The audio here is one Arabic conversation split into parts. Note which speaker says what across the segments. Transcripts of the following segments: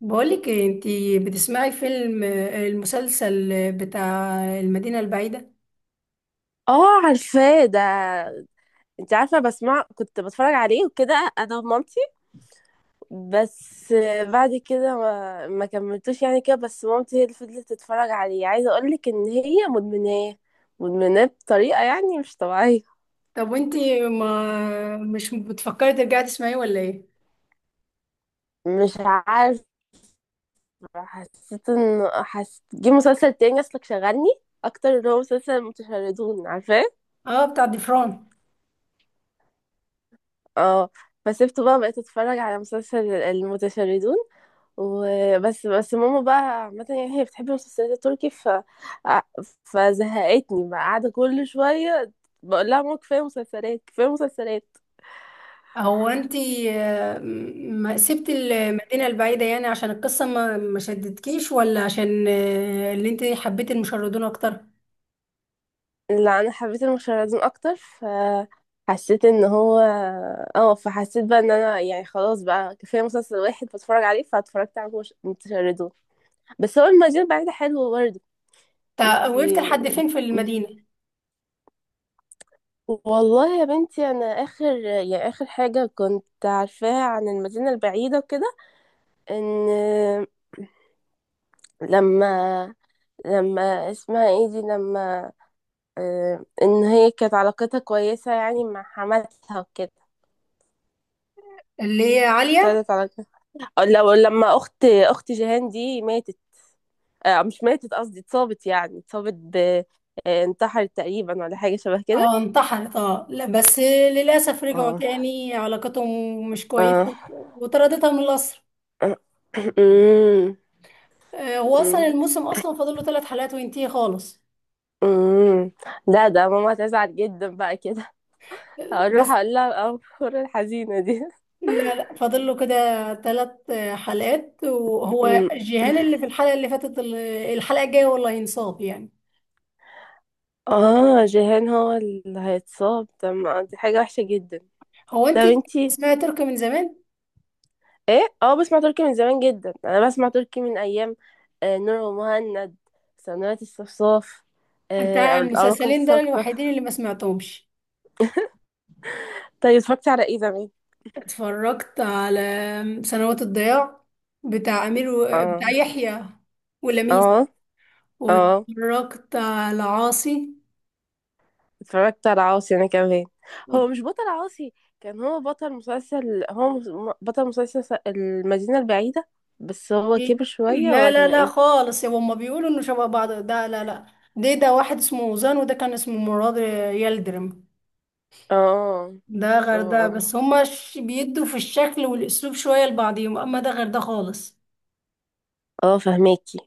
Speaker 1: بقولك إيه، انتي بتسمعي فيلم المسلسل بتاع المدينة البعيدة؟
Speaker 2: اه، عارفاه ده. انت عارفه بسمع كنت بتفرج عليه وكده انا ومامتي بس. بعد كده ما كملتوش يعني كده. بس مامتي هي اللي فضلت تتفرج عليه. عايزه اقولك ان هي مدمناه بطريقه يعني مش طبيعيه.
Speaker 1: طب وانتي ما مش بتفكري ترجعي تسمعيه ولا ايه؟
Speaker 2: مش عارفه، حسيت جه مسلسل تاني اصلك شغلني اكتر، اللي هو مسلسل المتشردون، عارفاه؟
Speaker 1: اه، بتاع ضفران.
Speaker 2: اه، فسبته بقى، بقيت اتفرج على مسلسل المتشردون وبس. بس ماما بقى عامة يعني هي بتحب المسلسلات التركي، ف ع- فزهقتني بقى، قاعدة كل شوية بقول لها ماما كفاية مسلسلات كفاية مسلسلات.
Speaker 1: هو انتي، ما سبتي المدينة البعيدة يعني عشان القصة ما شدتكيش، ولا عشان اللي انتي حبيتي المشردون اكتر؟
Speaker 2: لا، أنا حبيت المشاهدين أكتر، فحسيت إن هو، اه، فحسيت بقى إن أنا يعني خلاص بقى كفاية مسلسل واحد بتفرج عليه، فاتفرجت على متشردون. بس هو المدينة البعيدة حلوة برضه.
Speaker 1: وقفت
Speaker 2: انتي،
Speaker 1: لحد فين في المدينة؟
Speaker 2: والله يا بنتي انا اخر يعني اخر حاجه كنت عارفاها عن المدينه البعيده وكده ان، لما، لما اسمها ايه دي، لما ان هي كانت علاقتها كويسة يعني مع حماتها وكده.
Speaker 1: اللي هي عالية.
Speaker 2: ابتدت علاقتها أو لو لما اخت جيهان دي ماتت. مش ماتت قصدي اتصابت، يعني اتصابت ب، انتحرت تقريبا ولا حاجة شبه كده.
Speaker 1: اه، انتحرت. اه لا، بس للأسف رجعوا
Speaker 2: اه،
Speaker 1: تاني علاقتهم مش كويسة
Speaker 2: اه.
Speaker 1: وطردتها من القصر.
Speaker 2: أمم،
Speaker 1: هو اصلا
Speaker 2: أمم،
Speaker 1: الموسم اصلا فاضل له 3 حلقات وينتهي خالص.
Speaker 2: أمم. لا، ده ماما هتزعل جدا بقى كده، هروح
Speaker 1: بس
Speaker 2: اقول لها الاخبار الحزينة دي.
Speaker 1: لا لا، فاضل له كده 3 حلقات، وهو جيهان اللي في الحلقه اللي فاتت، الحلقه الجايه والله ينصاب يعني.
Speaker 2: اه جيهان هو اللي هيتصاب؟ طب ما دي حاجة وحشة جدا.
Speaker 1: هو
Speaker 2: طب
Speaker 1: انت
Speaker 2: انتي
Speaker 1: اسمها تركي من زمان.
Speaker 2: ايه؟ اه، بسمع تركي من زمان جدا، انا بسمع تركي من ايام آه نور ومهند، سنوات الصفصاف،
Speaker 1: انت
Speaker 2: او الاراكم
Speaker 1: المسلسلين دول
Speaker 2: الساقطة.
Speaker 1: الوحيدين اللي ما سمعتهمش.
Speaker 2: طيب اتفرجتي على ايه زمان؟
Speaker 1: اتفرجت على سنوات الضياع، بتاع امير
Speaker 2: اه،
Speaker 1: بتاع يحيى ولميس،
Speaker 2: اه، اه.
Speaker 1: واتفرجت على عاصي.
Speaker 2: اتفرجت على عاصي انا كمان. هو مش بطل عاصي كان هو بطل مسلسل، بطل المدينة البعيدة؟ بس هو
Speaker 1: إيه؟
Speaker 2: كبر شوية
Speaker 1: لا لا
Speaker 2: ولا
Speaker 1: لا
Speaker 2: ايه؟
Speaker 1: خالص، يا هما بيقولوا انه شبه بعض، ده لا لا. ده واحد اسمه وزان، وده كان اسمه مراد يلدرم.
Speaker 2: اه،
Speaker 1: ده
Speaker 2: اه،
Speaker 1: غير ده،
Speaker 2: اه،
Speaker 1: بس هما ش- بيدوا في الشكل والاسلوب شوية لبعضهم، اما ده غير ده خالص.
Speaker 2: اه، فهماكي.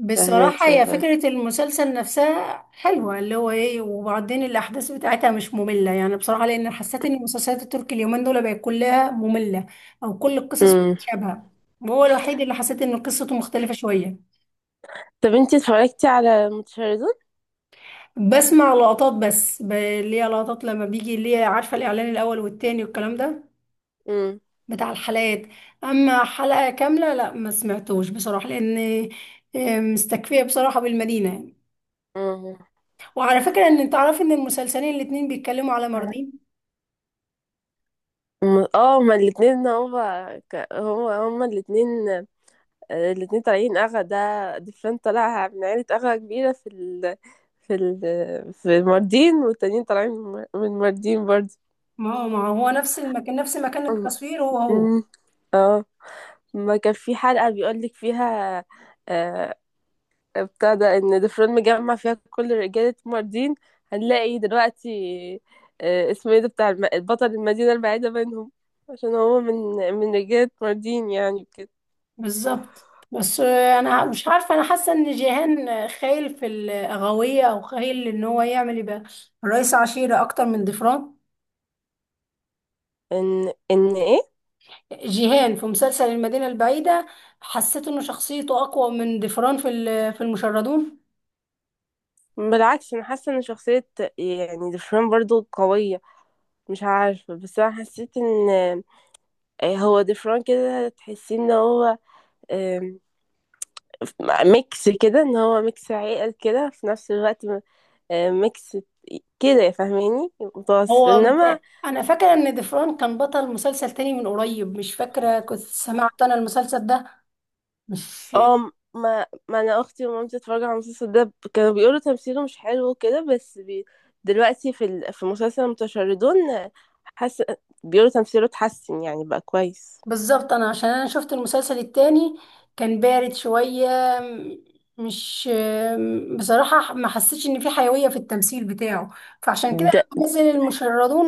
Speaker 1: بصراحة
Speaker 2: فهمك
Speaker 1: هي
Speaker 2: يابا.
Speaker 1: فكرة المسلسل نفسها حلوة، اللي هو ايه، وبعدين الأحداث بتاعتها مش مملة يعني بصراحة، لأن حسيت إن المسلسلات التركي اليومين دول بقت كلها مملة، أو كل القصص
Speaker 2: امم.
Speaker 1: متشابهة، وهو الوحيد اللي حسيت إن قصته مختلفة شوية.
Speaker 2: طب انتي اتفرجتي على متشردون؟
Speaker 1: بسمع لقطات بس، ب- اللي هي لقطات لما بيجي، اللي هي عارفة الإعلان الأول والتاني والكلام ده
Speaker 2: امم،
Speaker 1: بتاع الحلقات. أما حلقة كاملة لا، ما سمعتوش بصراحة، لأن مستكفية بصراحة بالمدينة يعني.
Speaker 2: امم.
Speaker 1: وعلى فكرة، إن تعرف إن المسلسلين الاتنين بيتكلموا على ماردين.
Speaker 2: اه، هما الاتنين هما هما الاتنين، الاتنين طالعين اغا ده. ديفلان طالع من عيلة اغا كبيرة في في في الماردين، والتانيين طالعين من الماردين برضه.
Speaker 1: ما هو نفس المكان، نفس مكان
Speaker 2: أم-
Speaker 1: التصوير هو هو.
Speaker 2: أم. اه، ما كان في حلقة بيقولك فيها، آه، ابتدى ان دفرون مجمع فيها كل رجالة ماردين، هنلاقي دلوقتي اسمه ايه ده بتاع البطل المدينة البعيدة بينهم، عشان هو من رجالة ماردين يعني كده.
Speaker 1: بالظبط. بس أنا مش عارفة، أنا حاسة إن جيهان خايل في الأغاوية، أو خايل إن هو يعمل يبقى رئيس عشيرة أكتر من ضفران.
Speaker 2: ان ايه.
Speaker 1: جيهان في مسلسل المدينة البعيدة حسيت إن شخصيته أقوى من ضفران في في المشردون.
Speaker 2: بالعكس، انا حاسة ان شخصية يعني دفرون برضو قوية. مش عارفة، بس انا حسيت ان، هو دفرون كده تحسي ان هو، آم، ميكس كده، ان هو ميكس عقل كده في نفس الوقت، ميكس كده فاهماني، متوسط،
Speaker 1: هو من
Speaker 2: انما
Speaker 1: أنا فاكرة إن ضفران كان بطل مسلسل تاني من قريب، مش فاكرة كنت سمعت أنا المسلسل ده مش
Speaker 2: اه. ما انا اختي ومامتي اتفرجوا على المسلسل ده، كانوا بيقولوا تمثيله مش حلو وكده، بس دلوقتي في في مسلسل المتشردون، حس بيقولوا تمثيله اتحسن يعني بقى كويس.
Speaker 1: بالظبط. أنا عشان أنا شفت المسلسل التاني كان بارد شوية، م- مش بصراحة ما حسيتش إن في حيوية في التمثيل بتاعه، فعشان كده
Speaker 2: ده
Speaker 1: لما نزل المشردون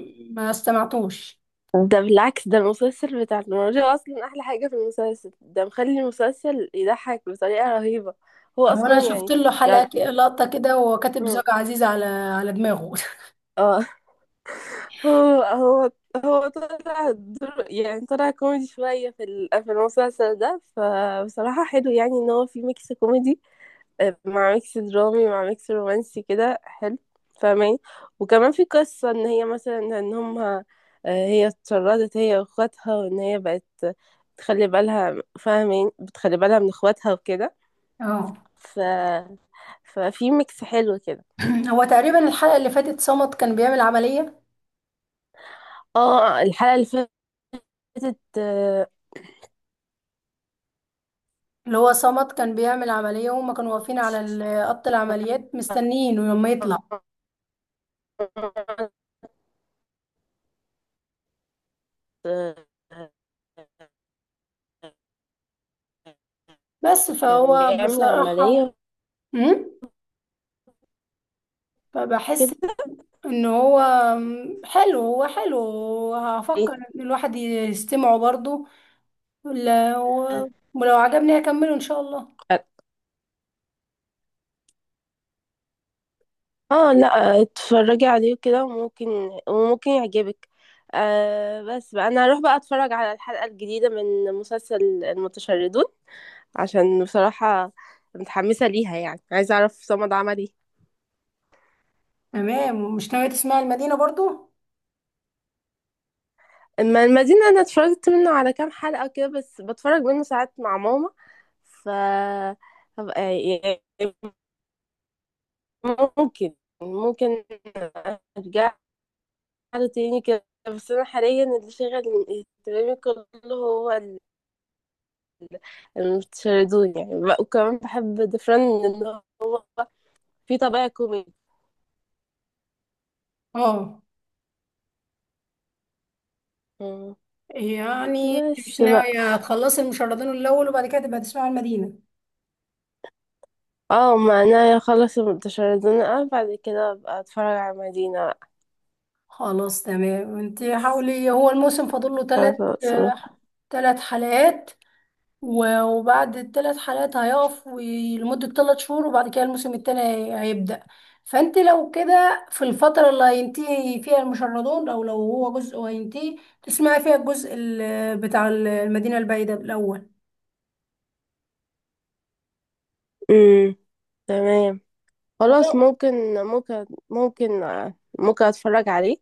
Speaker 1: ما استمعتوش.
Speaker 2: ده بالعكس، ده المسلسل بتاع المراجعة اصلا احلى حاجة في المسلسل ده، مخلي المسلسل يضحك بطريقة رهيبة. هو
Speaker 1: هو
Speaker 2: اصلا
Speaker 1: انا شفت
Speaker 2: يعني،
Speaker 1: له
Speaker 2: يعني.
Speaker 1: لقطه كده، وهو كاتب
Speaker 2: مم.
Speaker 1: زوجة عزيزة على دماغه.
Speaker 2: اه، هو هو طلع دور يعني طلع كوميدي شوية في في المسلسل ده، فبصراحة حلو يعني ان هو في ميكس كوميدي مع ميكس درامي مع ميكس رومانسي كده، حلو فاهمين. وكمان في قصة ان هي مثلا ان هم، آه، هي اتشردت هي واخواتها، وان هي بقت تخلي بالها فاهمين، بتخلي بالها من اخواتها وكده،
Speaker 1: اه.
Speaker 2: ف... ففي ميكس حلو كده.
Speaker 1: هو تقريبا الحلقه اللي فاتت صمت كان بيعمل عمليه.
Speaker 2: اه الحلقة اللي فاتت،
Speaker 1: اللي هو صمت كان بيعمل عمليه، وهما كانوا واقفين على خط العمليات
Speaker 2: آه،
Speaker 1: مستنيين لما يطلع.
Speaker 2: آآ
Speaker 1: بس
Speaker 2: كان
Speaker 1: فهو
Speaker 2: بيعمل
Speaker 1: بصراحه،
Speaker 2: عملية
Speaker 1: امم، فبحس
Speaker 2: كده.
Speaker 1: ان هو حلو، هو حلو. هفكر ان الواحد يستمعه برضه، ولا- ولو عجبني هكمله ان شاء الله.
Speaker 2: آه لأ، اتفرّجي عليه وكده وممكن، وممكن يعجبِك. بس بقى أنا هاروح بقى أتفرّج على الحلقة الجديدة من مسلسل المتشردون، عشان بصراحة متحمسة ليها يعني، عايزة أعرف صمد عمل إيه.
Speaker 1: تمام، ومش ناوية تسمعي المدينه برضه؟
Speaker 2: أمّا المدينة أنا اتفرّجت منه على كام حلقة كده، بس باتفرّج منه ساعات مع ماما، ف هابقى ممكن، ممكن أرجع له تاني كده. بس أنا حاليًا اللي شاغل اهتمامي كلّه هو الشيراتون يعني بقى، وكمان باحب ديفران لإن هو فيه طابع كوميدي.
Speaker 1: اه،
Speaker 2: إمم.
Speaker 1: يعني انت مش
Speaker 2: بس بقى،
Speaker 1: ناوية تخلصي المشردين الأول، وبعد كده تبقى تسمعي المدينة؟
Speaker 2: آه ما أنا أخلّص الشيراتون أوي بعد كده أبقى أتفرّج على مدينة بقى.
Speaker 1: خلاص تمام، انت حاولي. هو الموسم فاضل له ثلاث
Speaker 2: خلاص.
Speaker 1: ثلاث حلقات، و- وبعد الـ3 حلقات هيقف لمدة 3 شهور، وبعد كده الموسم التاني هيبدأ. فانت لو كده في الفترة اللي هينتهي فيها المشردون، او لو هو جزء وهينتهي، تسمعي فيها الجزء بتاع المدينة البعيدة الأول.
Speaker 2: إمم، تمام، خلاص ممكن، ممكن، ممكن أتفرّج عليه.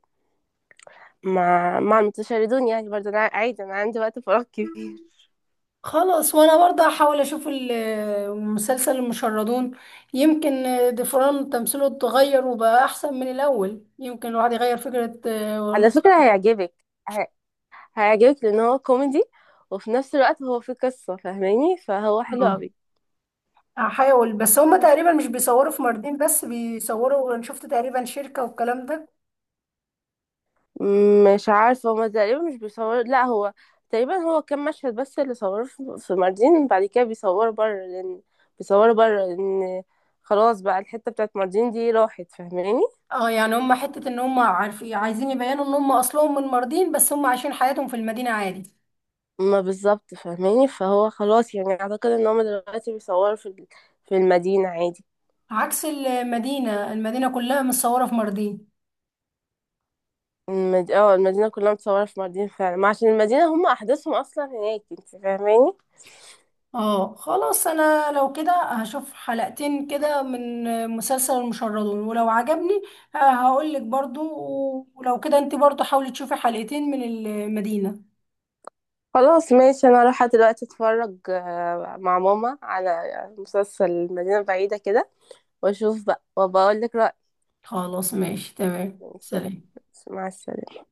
Speaker 2: ما تشردوني يعني برضه، انا عادي انا عندي وقت فراغ كبير.
Speaker 1: خلاص، وانا برضه هحاول اشوف مسلسل المشردون. يمكن دفران تمثيله اتغير وبقى احسن من الاول، يمكن الواحد يغير فكرة
Speaker 2: على فكرة
Speaker 1: ونظرة
Speaker 2: هيعجبك، ه- هيعجبك لان هو كوميدي، وفي نفس الوقت هو فيه قصة فاهماني، فهو حلو
Speaker 1: عنه.
Speaker 2: قوي.
Speaker 1: هحاول، بس هما تقريبا مش بيصوروا في ماردين بس، بيصوروا، انا شفت تقريبا شركة والكلام ده.
Speaker 2: مش عارفة، هما تقريبا مش بيصور، لا هو تقريبا هو كام مشهد بس اللي صوروه في ماردين، بعد كده بيصوروا بره لأن، بيصوروا بره لأن خلاص بقى الحتة بتاعت ماردين دي راحت فاهماني.
Speaker 1: اه يعني، هما حتة ان هما عارفين عايزين يبينوا ان هما اصلهم من ماردين، بس هما عايشين حياتهم في المدينة عادي.
Speaker 2: ما بالظبط فاهماني، فهو خلاص يعني أعتقد إن هما دلوقتي بيصوروا في في المدينة عادي.
Speaker 1: عكس المدينة، المدينة كلها متصورة في ماردين.
Speaker 2: اه المدينة كلها متصورة في مالديف فعلا، ما عشان المدينة هم أحداثهم أصلا هناك انت فاهماني.
Speaker 1: اه خلاص، انا لو كده هشوف حلقتين كده من مسلسل المشردون، ولو عجبني هقول لك برضو، ولو كده انت برضو حاولي تشوفي حلقتين من المدينة.
Speaker 2: خلاص ماشي، أنا رايحة دلوقتي أتفرج مع ماما على مسلسل المدينة البعيدة كده، وأشوف بقى وبقول لك رأيي.
Speaker 1: خلاص ماشي، تمام،
Speaker 2: ماشي،
Speaker 1: سلام.
Speaker 2: مع السلامة.